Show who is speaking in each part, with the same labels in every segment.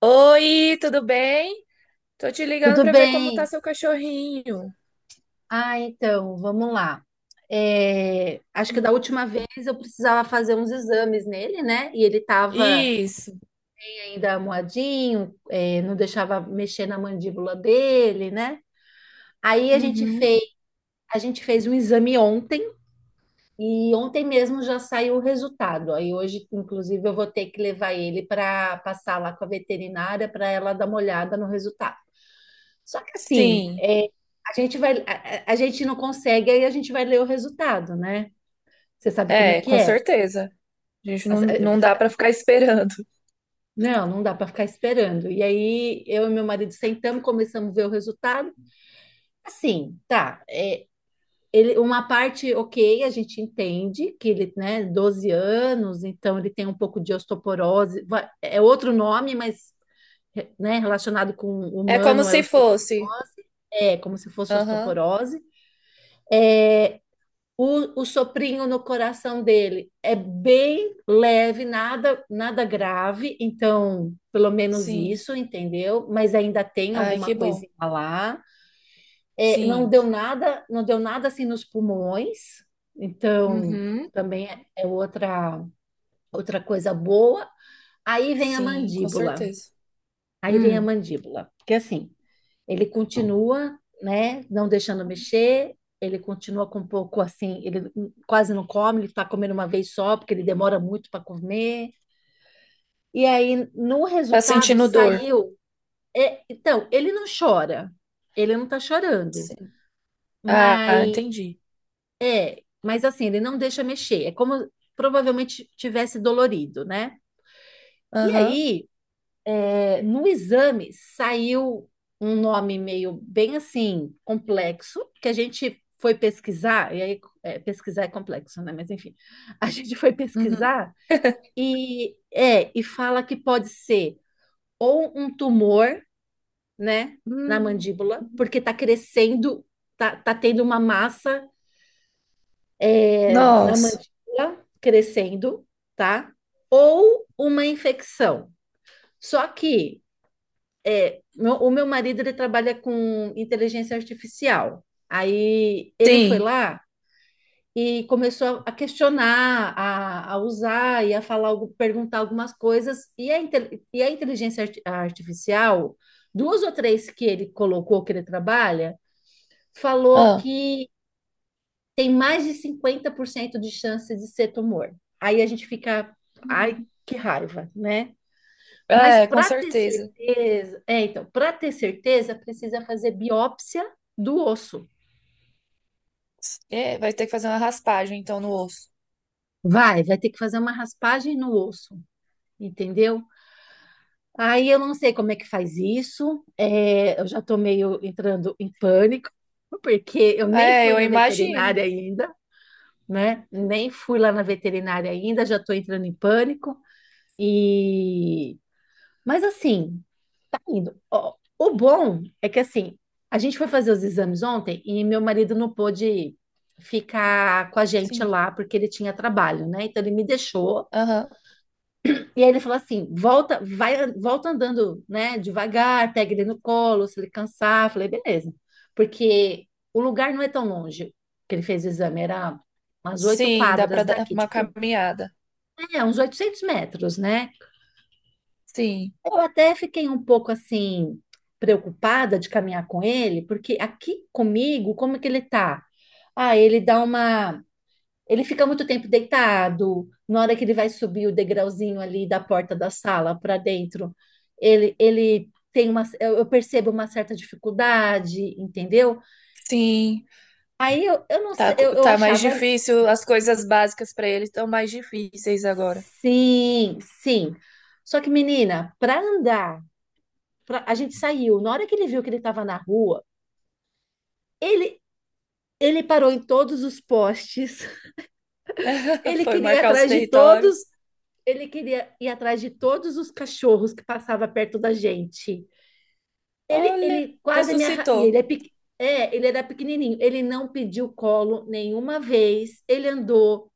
Speaker 1: Oi, tudo bem? Tô te ligando
Speaker 2: Tudo
Speaker 1: pra ver como tá
Speaker 2: bem?
Speaker 1: seu cachorrinho.
Speaker 2: Ah, então, vamos lá. É, acho que
Speaker 1: Hum.
Speaker 2: da última vez eu precisava fazer uns exames nele, né? E ele estava
Speaker 1: Isso.
Speaker 2: ainda moadinho, é, não deixava mexer na mandíbula dele, né? Aí
Speaker 1: Uhum.
Speaker 2: a gente fez um exame ontem e ontem mesmo já saiu o resultado. Aí hoje, inclusive, eu vou ter que levar ele para passar lá com a veterinária para ela dar uma olhada no resultado. Só que assim,
Speaker 1: Sim,
Speaker 2: é, a gente vai, a, a gente não consegue, aí a gente vai ler o resultado, né? Você sabe como é
Speaker 1: é,
Speaker 2: que
Speaker 1: com
Speaker 2: é.
Speaker 1: certeza. A gente não,
Speaker 2: As- é,
Speaker 1: não dá
Speaker 2: fa-
Speaker 1: pra ficar esperando.
Speaker 2: Não, não dá para ficar esperando. E aí eu e meu marido sentamos, começamos a ver o resultado. Assim, tá, é, ele, uma parte, ok, a gente entende que ele, né, 12 anos, então ele tem um pouco de osteoporose. É outro nome, mas, né, relacionado com
Speaker 1: É como
Speaker 2: humano,
Speaker 1: se fosse.
Speaker 2: é como se fosse
Speaker 1: Aham.
Speaker 2: osteoporose. É, o soprinho no coração dele é bem leve, nada, nada grave, então pelo menos
Speaker 1: Sim.
Speaker 2: isso, entendeu? Mas ainda tem
Speaker 1: Ai,
Speaker 2: alguma
Speaker 1: que bom.
Speaker 2: coisinha lá. É, não
Speaker 1: Sim.
Speaker 2: deu nada, não deu nada assim nos pulmões, então
Speaker 1: Uhum.
Speaker 2: também é outra coisa boa. Aí vem a
Speaker 1: Sim, com
Speaker 2: mandíbula.
Speaker 1: certeza.
Speaker 2: Aí vem a
Speaker 1: Hum.
Speaker 2: mandíbula, porque assim, ele continua, né, não deixando mexer, ele continua com um pouco assim, ele quase não come, ele está comendo uma vez só, porque ele demora muito para comer. E aí, no
Speaker 1: Tá
Speaker 2: resultado,
Speaker 1: sentindo dor?
Speaker 2: saiu. É, então, ele não chora, ele não está chorando,
Speaker 1: Sim. Ah,
Speaker 2: mas
Speaker 1: entendi.
Speaker 2: é, mas assim, ele não deixa mexer, é como provavelmente tivesse dolorido, né? E
Speaker 1: Aham.
Speaker 2: aí, é, no exame saiu um nome meio bem assim complexo que a gente foi pesquisar e aí é, pesquisar é complexo, né? Mas enfim, a gente foi
Speaker 1: Uhum.
Speaker 2: pesquisar e é e fala que pode ser ou um tumor, né, na
Speaker 1: Hum.
Speaker 2: mandíbula, porque tá crescendo, tá tendo uma massa é, na
Speaker 1: Nossa.
Speaker 2: mandíbula crescendo, tá? Ou uma infecção. Só que o meu marido ele trabalha com inteligência artificial. Aí ele foi
Speaker 1: Sim.
Speaker 2: lá e começou a questionar, a usar e a falar, perguntar algumas coisas. E a inteligência artificial, duas ou três que ele colocou que ele trabalha, falou
Speaker 1: Ah.
Speaker 2: que tem mais de 50% de chance de ser tumor. Aí a gente fica, ai, que raiva, né? Mas
Speaker 1: É, com
Speaker 2: para ter
Speaker 1: certeza.
Speaker 2: certeza, é, então, para ter certeza, precisa fazer biópsia do osso.
Speaker 1: É, vai ter que fazer uma raspagem, então, no osso.
Speaker 2: Vai ter que fazer uma raspagem no osso, entendeu? Aí eu não sei como é que faz isso, é, eu já tô meio entrando em pânico, porque eu nem
Speaker 1: É,
Speaker 2: fui
Speaker 1: eu
Speaker 2: na
Speaker 1: imagino.
Speaker 2: veterinária ainda, né? Nem fui lá na veterinária ainda, já tô entrando em pânico. E mas assim, indo. Ó, o bom é que assim, a gente foi fazer os exames ontem e meu marido não pôde ficar com a gente
Speaker 1: Sim.
Speaker 2: lá porque ele tinha trabalho, né? Então ele me deixou
Speaker 1: Aham.
Speaker 2: e aí ele falou assim: "Volta, vai, volta andando, né, devagar, pega ele no colo, se ele cansar". Eu falei: "Beleza". Porque o lugar não é tão longe que ele fez o exame, era umas oito
Speaker 1: Sim, dá pra
Speaker 2: quadras
Speaker 1: dar
Speaker 2: daqui,
Speaker 1: uma
Speaker 2: tipo,
Speaker 1: caminhada.
Speaker 2: é, uns 800 metros, né?
Speaker 1: Sim.
Speaker 2: Eu até fiquei um pouco assim preocupada de caminhar com ele, porque aqui comigo, como é que ele tá? Ah, ele dá uma, ele fica muito tempo deitado. Na hora que ele vai subir o degrauzinho ali da porta da sala para dentro, ele tem uma, eu percebo uma certa dificuldade, entendeu?
Speaker 1: Sim.
Speaker 2: Aí eu, eu não sei, eu, eu
Speaker 1: Tá mais
Speaker 2: achava
Speaker 1: difícil. As coisas básicas pra ele estão mais difíceis agora.
Speaker 2: sim, sim. Só que menina, para andar, a gente saiu. Na hora que ele viu que ele estava na rua, ele, Ele parou em todos os postes. Ele
Speaker 1: Foi
Speaker 2: queria ir
Speaker 1: marcar os
Speaker 2: atrás de todos.
Speaker 1: territórios.
Speaker 2: Ele queria ir atrás de todos os cachorros que passava perto da gente. Ele,
Speaker 1: Olha,
Speaker 2: ele quase me arra... e ele
Speaker 1: ressuscitou.
Speaker 2: é, pequ- é, ele era pequenininho. Ele não pediu colo nenhuma vez. Ele andou.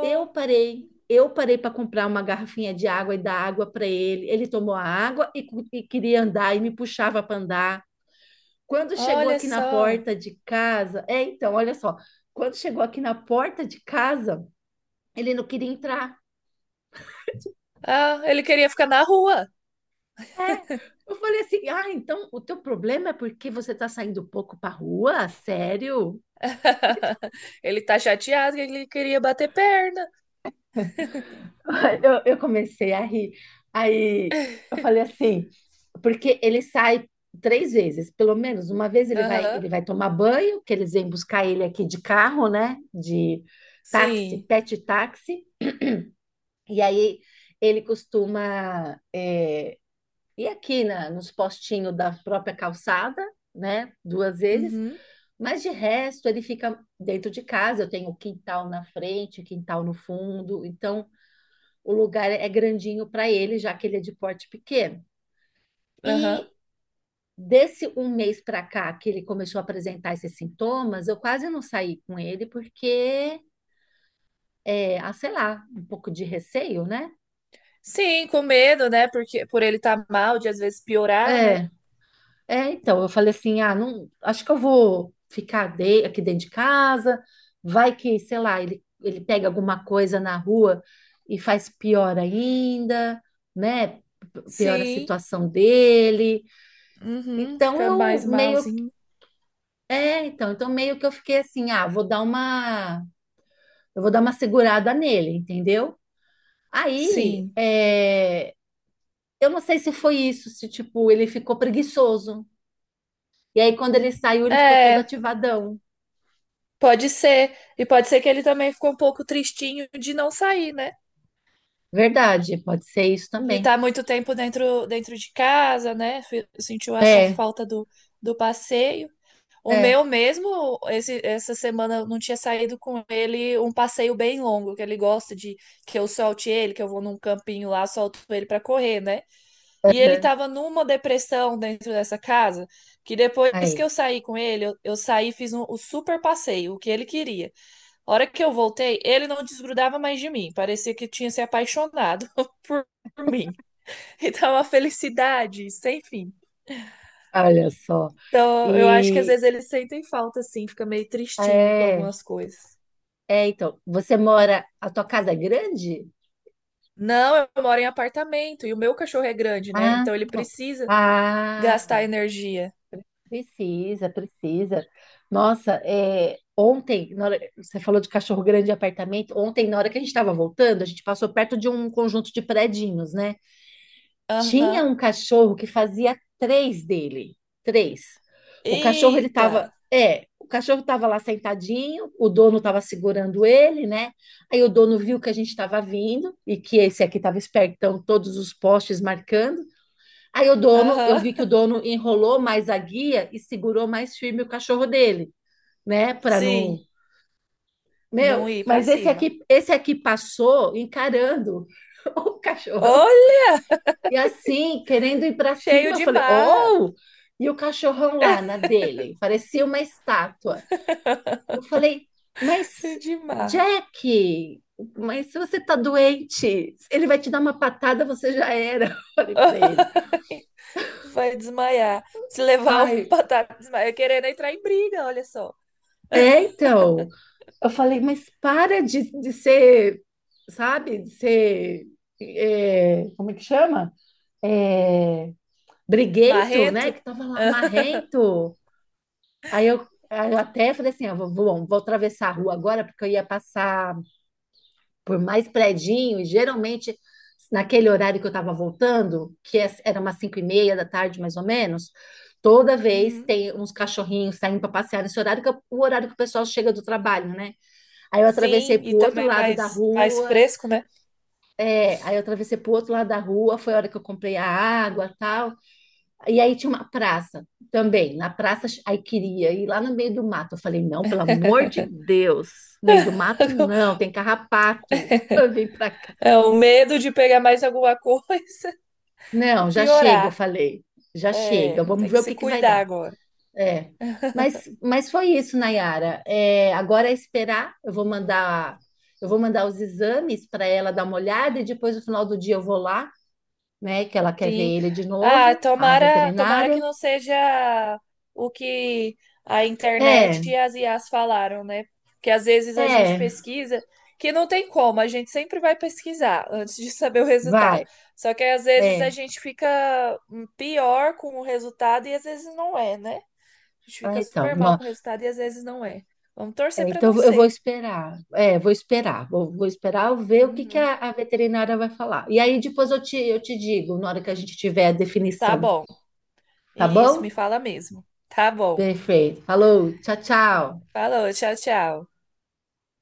Speaker 2: Eu parei. Eu parei para comprar uma garrafinha de água e dar água para ele. Ele tomou a água e queria andar e me puxava para andar. Quando chegou
Speaker 1: olha
Speaker 2: aqui na
Speaker 1: só.
Speaker 2: porta de casa, é, então, olha só. Quando chegou aqui na porta de casa, ele não queria entrar.
Speaker 1: Ah, ele queria ficar na rua.
Speaker 2: É. Eu falei assim: ah, então o teu problema é porque você tá saindo pouco pra rua? Sério?
Speaker 1: Ele tá chateado que ele queria bater perna.
Speaker 2: Eu comecei a rir. Aí eu falei assim, porque ele sai 3 vezes, pelo menos uma vez
Speaker 1: Aham.
Speaker 2: ele vai tomar banho, que eles vêm buscar ele aqui de carro, né? De táxi,
Speaker 1: Sim.
Speaker 2: pet táxi, e aí ele costuma é, ir aqui na, nos postinhos da própria calçada, né? 2 vezes.
Speaker 1: Uhum.
Speaker 2: Mas de resto, ele fica dentro de casa. Eu tenho quintal na frente, quintal no fundo. Então, o lugar é grandinho para ele, já que ele é de porte pequeno.
Speaker 1: Aham.
Speaker 2: E desse um mês para cá que ele começou a apresentar esses sintomas, eu quase não saí com ele porque, é, ah, sei lá, um pouco de receio, né?
Speaker 1: Sim, com medo, né? Porque por ele estar mal, de às vezes piorar, né?
Speaker 2: É, então, eu falei assim, ah, não, acho que eu vou ficar aqui dentro de casa, vai que, sei lá, ele pega alguma coisa na rua e faz pior ainda, né? Piora a
Speaker 1: Sim.
Speaker 2: situação dele.
Speaker 1: Uhum,
Speaker 2: Então
Speaker 1: fica
Speaker 2: eu
Speaker 1: mais
Speaker 2: meio,
Speaker 1: malzinho.
Speaker 2: é, então, então meio que eu fiquei assim, ah, vou dar uma, eu vou dar uma segurada nele, entendeu? Aí,
Speaker 1: Sim.
Speaker 2: é, eu não sei se foi isso, se tipo, ele ficou preguiçoso. E aí, quando ele saiu, ele ficou todo
Speaker 1: É,
Speaker 2: ativadão.
Speaker 1: pode ser. E pode ser que ele também ficou um pouco tristinho de não sair, né?
Speaker 2: Verdade, pode ser isso
Speaker 1: De
Speaker 2: também.
Speaker 1: estar muito tempo dentro de casa, né? Sentiu essa
Speaker 2: É,
Speaker 1: falta do, do passeio. O
Speaker 2: é,
Speaker 1: meu mesmo, esse, essa semana eu não tinha saído com ele um passeio bem longo, que ele gosta de que eu solte ele, que eu vou num campinho lá, solto ele para correr, né? E ele
Speaker 2: aham.
Speaker 1: estava numa depressão dentro dessa casa, que depois que
Speaker 2: Aí,
Speaker 1: eu saí com ele, eu saí e fiz um, o super passeio, o que ele queria. A hora que eu voltei, ele não desgrudava mais de mim, parecia que tinha se apaixonado por, por mim. Então, uma felicidade sem fim.
Speaker 2: olha só.
Speaker 1: Então, eu acho que às
Speaker 2: E
Speaker 1: vezes eles sentem falta, assim, fica meio tristinho com
Speaker 2: é,
Speaker 1: algumas coisas.
Speaker 2: então, você mora, a tua casa é grande?
Speaker 1: Não, eu moro em apartamento e o meu cachorro é grande, né?
Speaker 2: Ah,
Speaker 1: Então ele precisa
Speaker 2: ah,
Speaker 1: gastar energia.
Speaker 2: precisa, precisa. Nossa, é, ontem, você falou de cachorro grande e apartamento. Ontem, na hora que a gente estava voltando, a gente passou perto de um conjunto de predinhos, né? Tinha
Speaker 1: Aham.
Speaker 2: um cachorro que fazia três dele. Três. O cachorro, ele
Speaker 1: Eita!
Speaker 2: tava. É, o cachorro estava lá sentadinho, o dono estava segurando ele, né? Aí o dono viu que a gente estava vindo e que esse aqui estava esperto, então todos os postes marcando. Aí o dono, eu
Speaker 1: Aham.
Speaker 2: vi que o dono enrolou mais a guia e segurou mais firme o cachorro dele, né? Para não.
Speaker 1: Sim. Não
Speaker 2: Meu,
Speaker 1: ir pra
Speaker 2: mas esse
Speaker 1: cima.
Speaker 2: aqui, esse aqui passou encarando o cachorro.
Speaker 1: Olha,
Speaker 2: E assim, querendo ir para
Speaker 1: cheio
Speaker 2: cima, eu
Speaker 1: de
Speaker 2: falei,
Speaker 1: marra,
Speaker 2: oh! E o cachorrão lá na dele, parecia uma estátua. Eu falei, mas
Speaker 1: cheio de marra.
Speaker 2: Jack, mas se você tá doente, ele vai te dar uma patada, você já era. Eu falei para ele.
Speaker 1: Vai desmaiar. Se levar uma
Speaker 2: Ai,
Speaker 1: batata, desmaia. Querendo entrar em briga, olha só.
Speaker 2: é, então. Eu falei, mas para de ser, sabe, de ser, é, como é que chama? É, briguento, né?
Speaker 1: Marrento?
Speaker 2: Que tava lá, marrento. Aí eu até falei assim, ah, vou atravessar a rua agora, porque eu ia passar por mais predinho, e geralmente naquele horário que eu estava voltando, era umas 5:30 da tarde, mais ou menos, toda vez
Speaker 1: Uhum.
Speaker 2: tem uns cachorrinhos saindo para passear nesse horário, que é o horário que o pessoal chega do trabalho, né? Aí eu atravessei
Speaker 1: Sim,
Speaker 2: para
Speaker 1: e
Speaker 2: o outro
Speaker 1: também é
Speaker 2: lado da
Speaker 1: mais
Speaker 2: rua,
Speaker 1: fresco, né?
Speaker 2: aí eu atravessei para o outro lado da rua, foi a hora que eu comprei a água e tal. E aí tinha uma praça também. Na praça, aí queria ir lá no meio do mato. Eu falei, não, pelo amor de Deus, meio do mato não, tem carrapato. Vem pra cá.
Speaker 1: É o medo de pegar mais alguma coisa e
Speaker 2: Não, já chega, eu
Speaker 1: piorar.
Speaker 2: falei, já chega,
Speaker 1: É,
Speaker 2: vamos
Speaker 1: tem que
Speaker 2: ver o
Speaker 1: se
Speaker 2: que que vai
Speaker 1: cuidar
Speaker 2: dar.
Speaker 1: agora.
Speaker 2: É. Mas foi isso, Nayara. É, agora é esperar. Eu vou mandar os exames para ela dar uma olhada e depois no final do dia eu vou lá, né? Que ela quer ver
Speaker 1: Sim.
Speaker 2: ele de
Speaker 1: Ah,
Speaker 2: novo, a
Speaker 1: tomara, tomara que
Speaker 2: veterinária.
Speaker 1: não seja o que a
Speaker 2: É,
Speaker 1: internet e as IAs falaram, né? Porque às vezes a gente
Speaker 2: é,
Speaker 1: pesquisa que não tem como, a gente sempre vai pesquisar antes de saber o resultado.
Speaker 2: vai.
Speaker 1: Só que às vezes
Speaker 2: É.
Speaker 1: a gente fica pior com o resultado e às vezes não é, né? A gente
Speaker 2: Ah,
Speaker 1: fica
Speaker 2: então,
Speaker 1: super mal com o resultado e às vezes não é. Vamos torcer para não
Speaker 2: eu vou
Speaker 1: ser.
Speaker 2: esperar. É, vou esperar. Vou esperar eu ver o que que
Speaker 1: Uhum.
Speaker 2: a veterinária vai falar. E aí depois eu te digo, na hora que a gente tiver a
Speaker 1: Tá
Speaker 2: definição,
Speaker 1: bom.
Speaker 2: tá
Speaker 1: Isso, me
Speaker 2: bom?
Speaker 1: fala mesmo. Tá bom.
Speaker 2: Perfeito. Falou, tchau, tchau.
Speaker 1: Falou, tchau, tchau.